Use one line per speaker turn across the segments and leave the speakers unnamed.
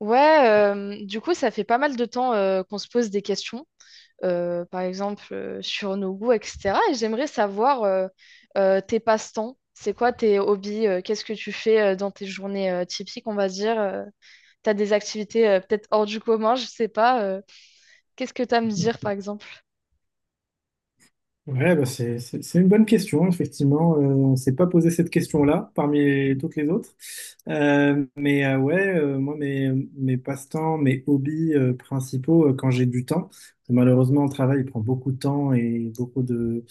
Ouais, du coup, ça fait pas mal de temps qu'on se pose des questions, par exemple sur nos goûts, etc. Et j'aimerais savoir tes passe-temps, c'est quoi tes hobbies, qu'est-ce que tu fais dans tes journées typiques, on va dire. T'as des activités peut-être hors du commun, je sais pas. Qu'est-ce que t'as à me dire, par exemple?
Ouais, bah, c'est une bonne question, effectivement. On ne s'est pas posé cette question-là parmi toutes les autres. Moi, mes passe-temps, mes hobbies principaux, quand j'ai du temps, malheureusement, le travail il prend beaucoup de temps et beaucoup de,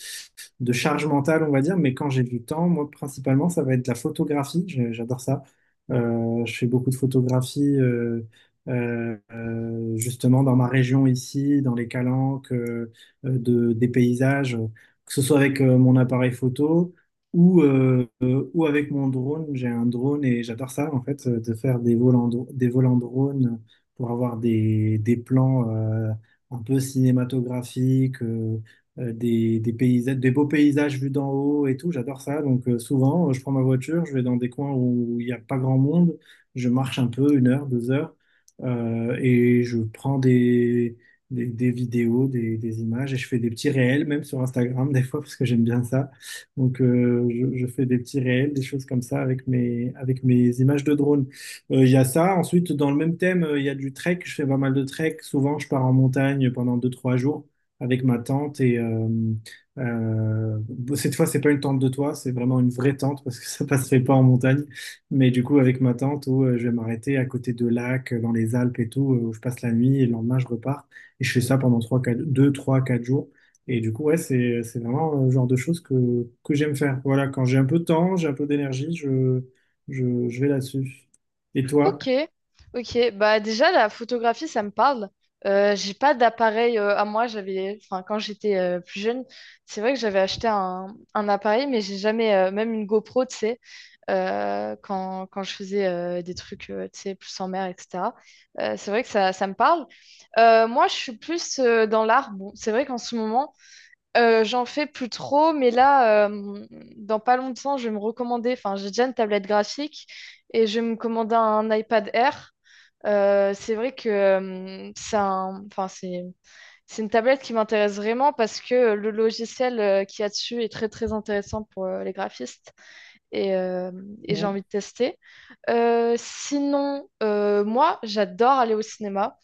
de charge mentale, on va dire, mais quand j'ai du temps, moi, principalement, ça va être la photographie. J'adore ça. Je fais beaucoup de photographie, justement, dans ma région ici, dans les Calanques, des paysages, que ce soit avec mon appareil photo ou avec mon drone. J'ai un drone et j'adore ça, en fait, de faire des vols en drone, pour avoir des plans un peu cinématographiques, des paysages, des beaux paysages vus d'en haut et tout. J'adore ça. Donc, souvent, je prends ma voiture, je vais dans des coins où il n'y a pas grand monde, je marche un peu, 1 heure, 2 heures, et je prends des vidéos, des images, et je fais des petits réels, même sur Instagram des fois, parce que j'aime bien ça. Donc, je fais des petits réels, des choses comme ça avec mes images de drone. Il y a ça. Ensuite, dans le même thème, il y a du trek. Je fais pas mal de trek. Souvent, je pars en montagne pendant deux trois jours avec ma tente. Et euh, cette fois, c'est pas une tente de toit, c'est vraiment une vraie tente parce que ça passerait pas en montagne. Mais du coup, avec ma tente, où, je vais m'arrêter à côté de lacs, dans les Alpes et tout, où je passe la nuit et le lendemain, je repars. Et je fais ça pendant 3 4, 2, 3, 4 jours. Et du coup, ouais, c'est vraiment le genre de choses que j'aime faire. Voilà, quand j'ai un peu de temps, j'ai un peu d'énergie, je vais là-dessus. Et toi?
Ok, ok. Bah déjà la photographie, ça me parle. J'ai pas d'appareil à moi. J'avais, enfin quand j'étais plus jeune, c'est vrai que j'avais acheté un appareil, mais j'ai jamais, même une GoPro, tu sais, quand je faisais des trucs, tu sais, plus en mer, etc. C'est vrai que ça me parle. Moi, je suis plus dans l'art. Bon, c'est vrai qu'en ce moment, j'en fais plus trop, mais là, dans pas longtemps, je vais me recommander, enfin, j'ai déjà une tablette graphique et je vais me commander un iPad Air. C'est vrai que enfin, c'est une tablette qui m'intéresse vraiment parce que le logiciel qu'il y a dessus est très très intéressant pour les graphistes et, euh, et j'ai
Non.
envie de tester. Sinon, moi, j'adore aller au cinéma.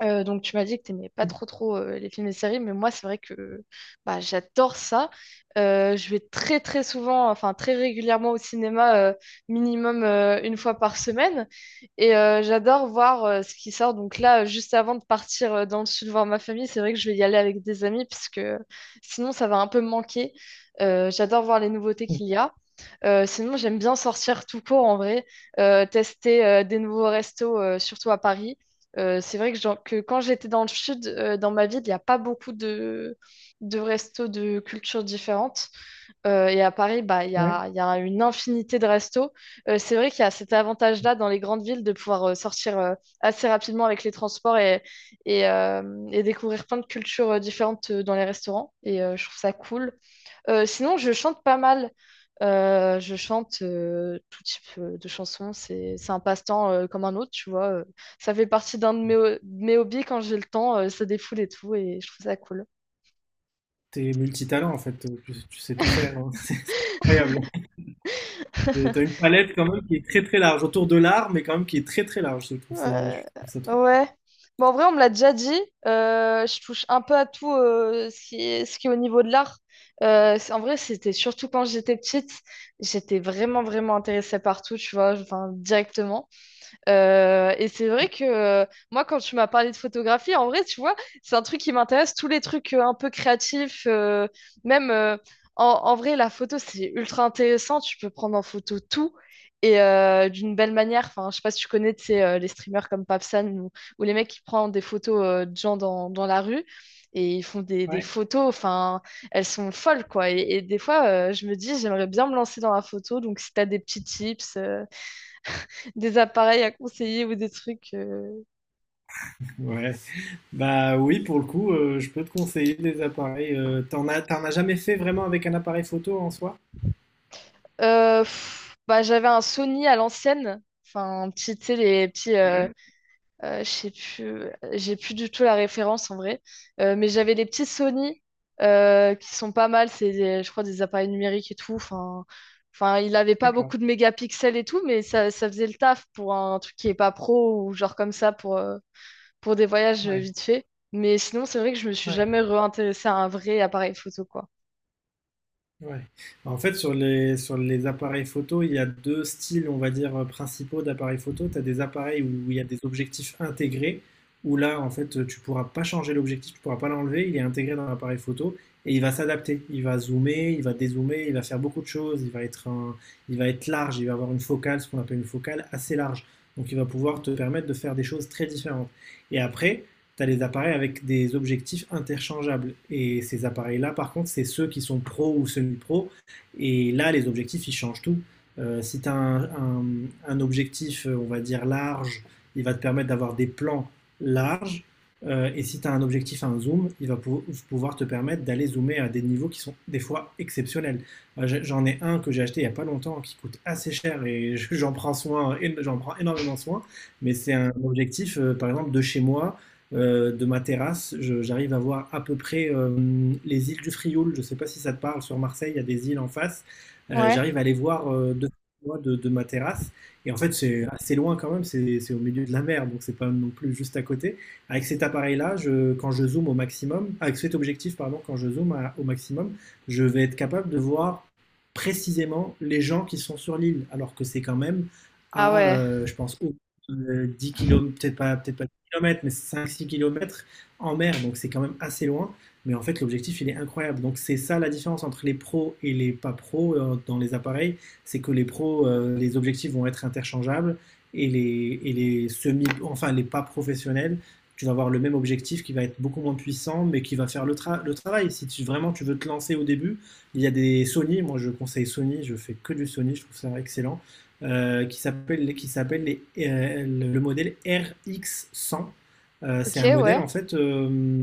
Donc tu m'as dit que tu n'aimais pas trop trop les films et les séries, mais moi c'est vrai que bah, j'adore ça. Je vais très très souvent, enfin très régulièrement au cinéma, minimum une fois par semaine. Et j'adore voir ce qui sort. Donc là, juste avant de partir dans le sud voir ma famille, c'est vrai que je vais y aller avec des amis, puisque sinon ça va un peu me manquer. J'adore voir les nouveautés qu'il y a. Sinon, j'aime bien sortir tout court en vrai, tester des nouveaux restos, surtout à Paris. C'est vrai que, genre, que quand j'étais dans le sud, dans ma ville, il n'y a pas beaucoup de restos de cultures différentes. Et à Paris, bah, il y a une infinité de restos. C'est vrai qu'il y a cet avantage-là dans les grandes villes de pouvoir sortir assez rapidement avec les transports et découvrir plein de cultures différentes dans les restaurants. Et je trouve ça cool. Sinon, je chante pas mal. Je chante tout type de chansons. C'est un passe-temps comme un autre, tu vois. Ça fait partie d'un de mes hobbies quand j'ai le temps. Ça défoule et tout. Et je trouve ça cool.
T'es multitalent, en fait. Tu sais tout faire, hein. C'est incroyable. T'as une palette quand même qui est très très large autour de l'art, mais quand même qui est très très large. Je
Euh,
trouve ça trop.
ouais. Bon, en vrai, on me l'a déjà dit. Je touche un peu à tout ce qui est au niveau de l'art. En vrai, c'était surtout quand j'étais petite, j'étais vraiment, vraiment intéressée par tout, tu vois, enfin, directement. Et c'est vrai que moi, quand tu m'as parlé de photographie, en vrai, tu vois, c'est un truc qui m'intéresse, tous les trucs un peu créatifs, même en, en vrai, la photo, c'est ultra intéressant, tu peux prendre en photo tout. Et d'une belle manière, enfin, je sais pas si tu connais, tu sais, les streamers comme Papsan ou les mecs qui prennent des photos de gens dans la rue et ils font des
Ouais.
photos, enfin, elles sont folles, quoi. Et des fois, je me dis, j'aimerais bien me lancer dans la photo, donc si tu as des petits tips, des appareils à conseiller ou des trucs.
Ouais. Bah oui, pour le coup, je peux te conseiller des appareils. T'en as jamais fait vraiment avec un appareil photo en soi?
Bah, j'avais un Sony à l'ancienne. Enfin, un petit, tu sais, les petits.
Ouais.
Je sais plus. J'ai plus du tout la référence en vrai. Mais j'avais des petits Sony qui sont pas mal. Je crois, des appareils numériques et tout. Enfin, il avait pas
D'accord,
beaucoup de mégapixels et tout, mais ça faisait le taf pour un truc qui est pas pro ou genre comme ça pour des voyages
ouais,
vite fait. Mais sinon, c'est vrai que je me suis
ouais,
jamais réintéressée à un vrai appareil photo, quoi.
ouais. Bah, en fait, sur les appareils photo, il y a 2 styles, on va dire, principaux d'appareils photo. Tu as des appareils où il y a des objectifs intégrés, où là, en fait, tu pourras pas changer l'objectif, tu pourras pas l'enlever, il est intégré dans l'appareil photo et il va s'adapter. Il va zoomer, il va dézoomer, il va faire beaucoup de choses, il va être large, il va avoir une focale, ce qu'on appelle une focale assez large. Donc il va pouvoir te permettre de faire des choses très différentes, et après tu as les appareils avec des objectifs interchangeables. Et ces appareils-là, par contre, c'est ceux qui sont pro ou semi-pro. Et là, les objectifs, ils changent tout. Si tu as un objectif, on va dire, large, il va te permettre d'avoir des plans larges. Et si tu as un objectif à un zoom, il va pouvoir te permettre d'aller zoomer à des niveaux qui sont des fois exceptionnels. J'en ai un que j'ai acheté il n'y a pas longtemps qui coûte assez cher et j'en prends soin, j'en prends énormément soin. Mais c'est un objectif, par exemple, de chez moi, de ma terrasse, j'arrive à voir à peu près les îles du Frioul. Je ne sais pas si ça te parle. Sur Marseille, il y a des îles en face.
Ouais.
J'arrive à les voir moi, de ma terrasse. Et en fait, c'est assez loin quand même. C'est au milieu de la mer, donc c'est pas non plus juste à côté. Avec cet appareil-là, quand je zoome au maximum, avec cet objectif, pardon, quand je zoome au maximum, je vais être capable de voir précisément les gens qui sont sur l'île, alors que c'est quand même
Ah
à,
ouais.
je pense, 10 kilomètres, peut-être pas kilomètres, mais 5, 6 kilomètres en mer, donc c'est quand même assez loin. Mais en fait, l'objectif, il est incroyable. Donc c'est ça la différence entre les pros et les pas pros dans les appareils, c'est que les pros, les objectifs vont être interchangeables et les semi, enfin les pas professionnels, tu vas avoir le même objectif qui va être beaucoup moins puissant, mais qui va faire le travail. Si vraiment tu veux te lancer au début, il y a des Sony, moi je conseille Sony, je fais que du Sony, je trouve ça excellent, qui s'appelle, qui s'appelle le modèle RX100. C'est
Ok,
un modèle
ouais.
en fait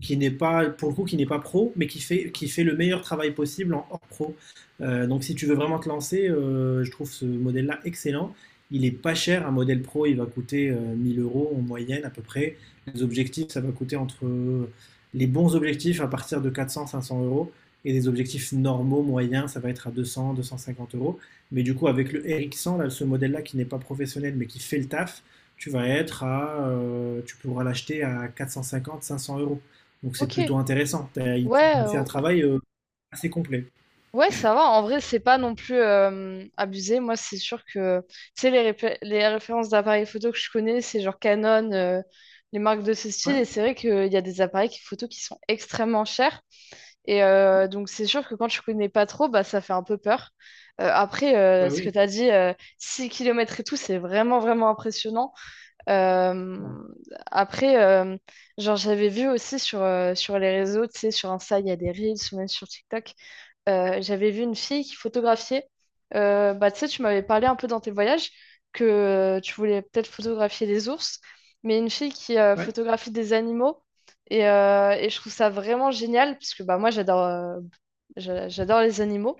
qui n'est pas, pour le coup, qui n'est pas pro, mais qui fait le meilleur travail possible en hors pro. Donc, si tu veux vraiment te lancer, je trouve ce modèle-là excellent. Il est pas cher, un modèle pro, il va coûter 1 000 euros en moyenne à peu près. Les objectifs, ça va coûter entre les bons objectifs à partir de 400 à 500 euros, et des objectifs normaux, moyens, ça va être à 200 à 250 euros. Mais du coup, avec le RX100, là, ce modèle-là qui n'est pas professionnel mais qui fait le taf, tu pourras l'acheter à 450 à 500 euros. Donc c'est
Ok.
plutôt intéressant. Il fait
Ouais,
il fait un
euh,
travail assez complet.
ouais, ça va. En vrai, c'est pas non plus abusé. Moi, c'est sûr que, tu sais, les références d'appareils photo que je connais, c'est genre Canon, les marques de ce style. Et
Ouais,
c'est vrai qu'il y a des photo qui sont extrêmement chers. Et donc, c'est sûr que quand tu connais pas trop, bah, ça fait un peu peur. Après,
bah
ce
oui.
que tu as dit, 6 km et tout, c'est vraiment, vraiment impressionnant.
Ouais,
Euh, Après, genre, j'avais vu aussi sur, sur les réseaux, tu sais, sur Insta, il y a des Reels ou même sur TikTok. J'avais vu une fille qui photographiait. Bah, tu sais, tu m'avais parlé un peu dans tes voyages que tu voulais peut-être photographier des ours, mais une fille qui photographie des animaux. Et je trouve ça vraiment génial parce que bah, moi, j'adore j'adore les animaux.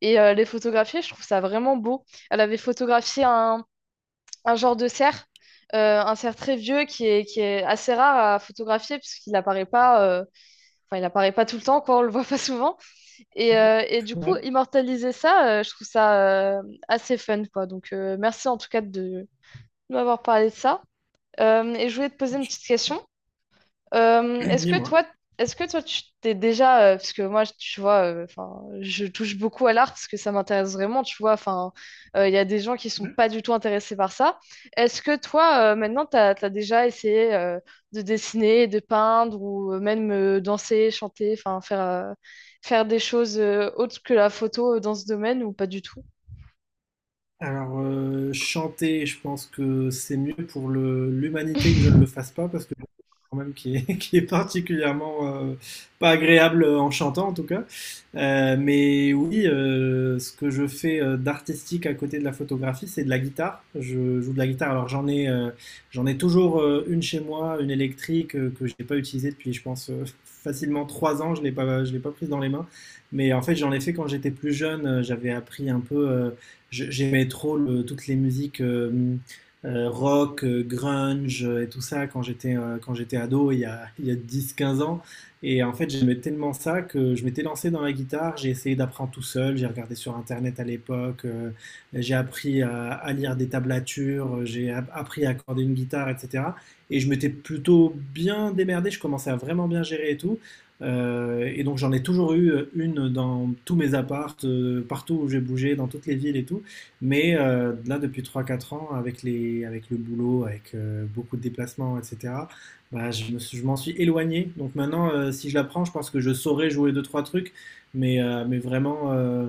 Et les photographier, je trouve ça vraiment beau. Elle avait photographié un genre de cerf, un cerf très vieux qui est assez rare à photographier puisqu'il apparaît pas, enfin, il apparaît pas tout le temps, quoi, on le voit pas souvent. Et du coup,
ouais.
immortaliser ça, je trouve ça assez fun, quoi. Donc, merci en tout cas de m'avoir parlé de ça. Et je voulais te poser une petite question. Euh, est-ce que
Dis-moi.
toi, est-ce que toi, tu t'es déjà, parce que moi, tu vois, enfin, je touche beaucoup à l'art parce que ça m'intéresse vraiment, tu vois, enfin, il y a des gens qui sont pas du tout intéressés par ça. Est-ce que toi, maintenant, t'as déjà essayé de dessiner, de peindre ou même danser, chanter, enfin, faire des choses autres que la photo dans ce domaine ou pas du tout?
Alors, chanter, je pense que c'est mieux pour l'humanité que je ne le fasse pas, parce que j'ai quand même qui est, qui est particulièrement pas agréable en chantant en tout cas. Mais oui, ce que je fais d'artistique à côté de la photographie, c'est de la guitare. Je joue de la guitare. Alors j'en ai toujours une chez moi, une électrique que je n'ai pas utilisée depuis, je pense, facilement 3 ans. Je l'ai pas prise dans les mains. Mais en fait, j'en ai fait quand j'étais plus jeune. J'avais appris un peu. Euh, J'aimais trop toutes les musiques rock, grunge et tout ça quand j'étais ado, il y a 10-15 ans. Et en fait, j'aimais tellement ça que je m'étais lancé dans la guitare, j'ai essayé d'apprendre tout seul, j'ai regardé sur Internet à l'époque, j'ai appris à lire des tablatures, j'ai appris à accorder une guitare, etc. Et je m'étais plutôt bien démerdé, je commençais à vraiment bien gérer et tout. Et donc j'en ai toujours eu une dans tous mes apparts, partout où j'ai bougé, dans toutes les villes et tout. Mais là, depuis trois quatre ans, avec le boulot, avec beaucoup de déplacements, etc., bah, je m'en suis éloigné. Donc maintenant, si je la prends, je pense que je saurais jouer deux trois trucs, mais, vraiment,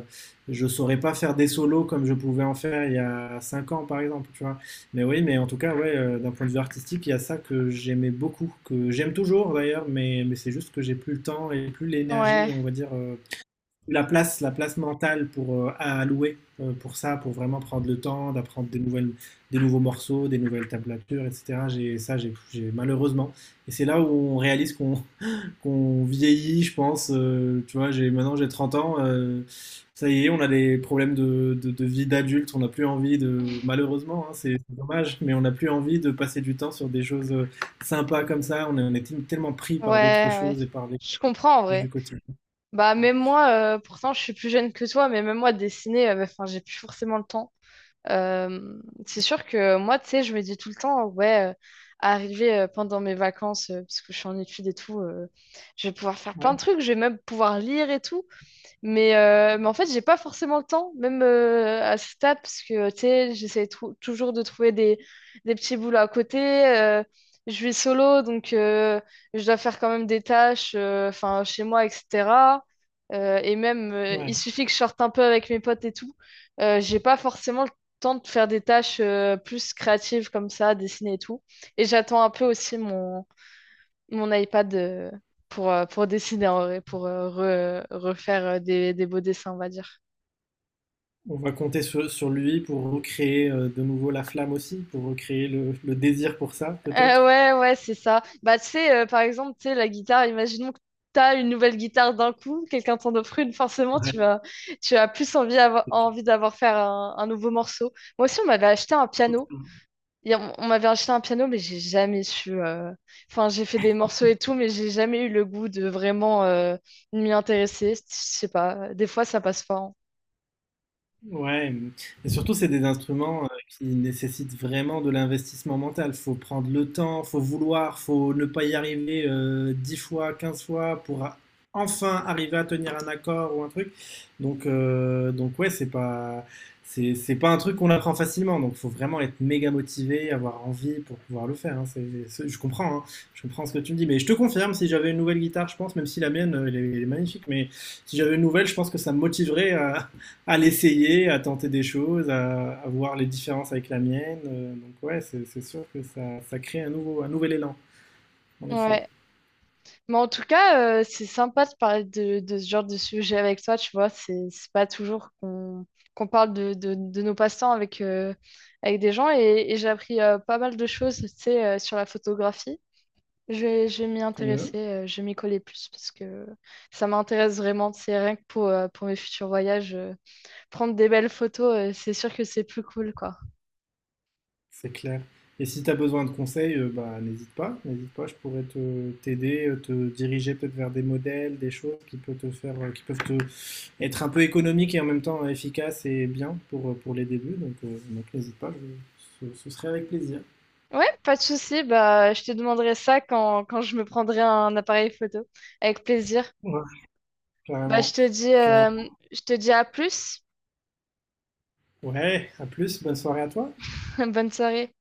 je saurais pas faire des solos comme je pouvais en faire il y a 5 ans, par exemple, tu vois. Mais oui, mais en tout cas, ouais, d'un point de vue artistique, il y a ça que j'aimais beaucoup, que j'aime toujours d'ailleurs, mais, c'est juste que j'ai plus le temps et plus l'énergie,
Ouais,
on va dire, la place, mentale pour, à allouer pour ça, pour vraiment prendre le temps d'apprendre des nouvelles, des nouveaux morceaux, des nouvelles tablatures, etc. J'ai ça, malheureusement. Et c'est là où on réalise qu'on qu'on vieillit, je pense. Tu vois, j'ai 30 ans. Ça y est, on a des problèmes de vie d'adulte. On n'a plus envie de, malheureusement, hein, c'est dommage, mais on n'a plus envie de passer du temps sur des choses sympas comme ça. On est tellement pris par d'autres
ouais.
choses et par les
Je comprends en
choses du
vrai.
quotidien.
Bah, même moi, pourtant, je suis plus jeune que toi, mais même moi, dessiner, enfin, j'ai plus forcément le temps. C'est sûr que moi, tu sais, je me dis tout le temps, ouais, arriver pendant mes vacances, parce que je suis en études et tout, je vais pouvoir faire plein de
Ouais,
trucs, je vais même pouvoir lire et tout. Mais en fait, j'ai pas forcément le temps, même à ce stade, parce que tu sais, toujours de trouver des petits boulots à côté. euh, je vis solo, donc je dois faire quand même des tâches enfin, chez moi, etc. Et même, il
ouais.
suffit que je sorte un peu avec mes potes et tout. J'ai pas forcément le temps de faire des tâches plus créatives comme ça, dessiner et tout. Et j'attends un peu aussi mon iPad pour dessiner en vrai, pour refaire des beaux dessins, on va dire.
On va compter sur lui pour recréer de nouveau la flamme aussi, pour recréer le désir pour ça, peut-être.
Ouais, c'est ça. Bah, tu sais, par exemple, tu sais, la guitare, imaginons que tu as une nouvelle guitare d'un coup, quelqu'un t'en offre une, forcément,
Ouais.
tu as plus envie, envie d'avoir faire un nouveau morceau. Moi aussi, on m'avait acheté un piano. Et on m'avait acheté un piano, mais j'ai jamais su. Enfin, j'ai fait des morceaux et tout, mais j'ai jamais eu le goût de vraiment m'y intéresser. Je sais pas, des fois, ça passe pas, hein.
Ouais, mm. Et surtout, c'est des instruments qui nécessitent vraiment de l'investissement mental. Faut prendre le temps, faut vouloir, faut ne pas y arriver 10 fois, 15 fois pour enfin arriver à tenir un accord ou un truc. Donc ouais, c'est pas un truc qu'on apprend facilement. Donc, faut vraiment être méga motivé, avoir envie pour pouvoir le faire, hein. Je comprends, hein. Je comprends ce que tu me dis. Mais je te confirme, si j'avais une nouvelle guitare, je pense, même si la mienne, elle est magnifique, mais si j'avais une nouvelle, je pense que ça me motiverait à, l'essayer, à tenter des choses, à, voir les différences avec la mienne. Donc ouais, c'est sûr que ça crée un nouvel élan, en effet.
Ouais. Mais en tout cas, c'est sympa de parler de ce genre de sujet avec toi, tu vois. C'est pas toujours qu'on parle de nos passe-temps avec, avec des gens. Et j'ai appris pas mal de choses, tu sais, sur la photographie. Je vais m'y
Tant mieux,
intéresser, je vais m'y coller plus parce que ça m'intéresse vraiment. C'est rien que pour mes futurs voyages. Prendre des belles photos, c'est sûr que c'est plus cool, quoi.
c'est clair. Et si tu as besoin de conseils, bah, n'hésite pas, je pourrais te t'aider, te diriger peut-être vers des modèles, des choses qui peuvent te faire, qui peuvent te être un peu économiques et en même temps efficaces et bien pour les débuts. Donc n'hésite pas, ce serait avec plaisir.
Ouais, pas de souci. Bah, je te demanderai ça quand je me prendrai un appareil photo. Avec plaisir.
Ouais,
Bah,
carrément. Carrément.
je te dis à plus.
Ouais, à plus, bonne soirée à toi.
Bonne soirée.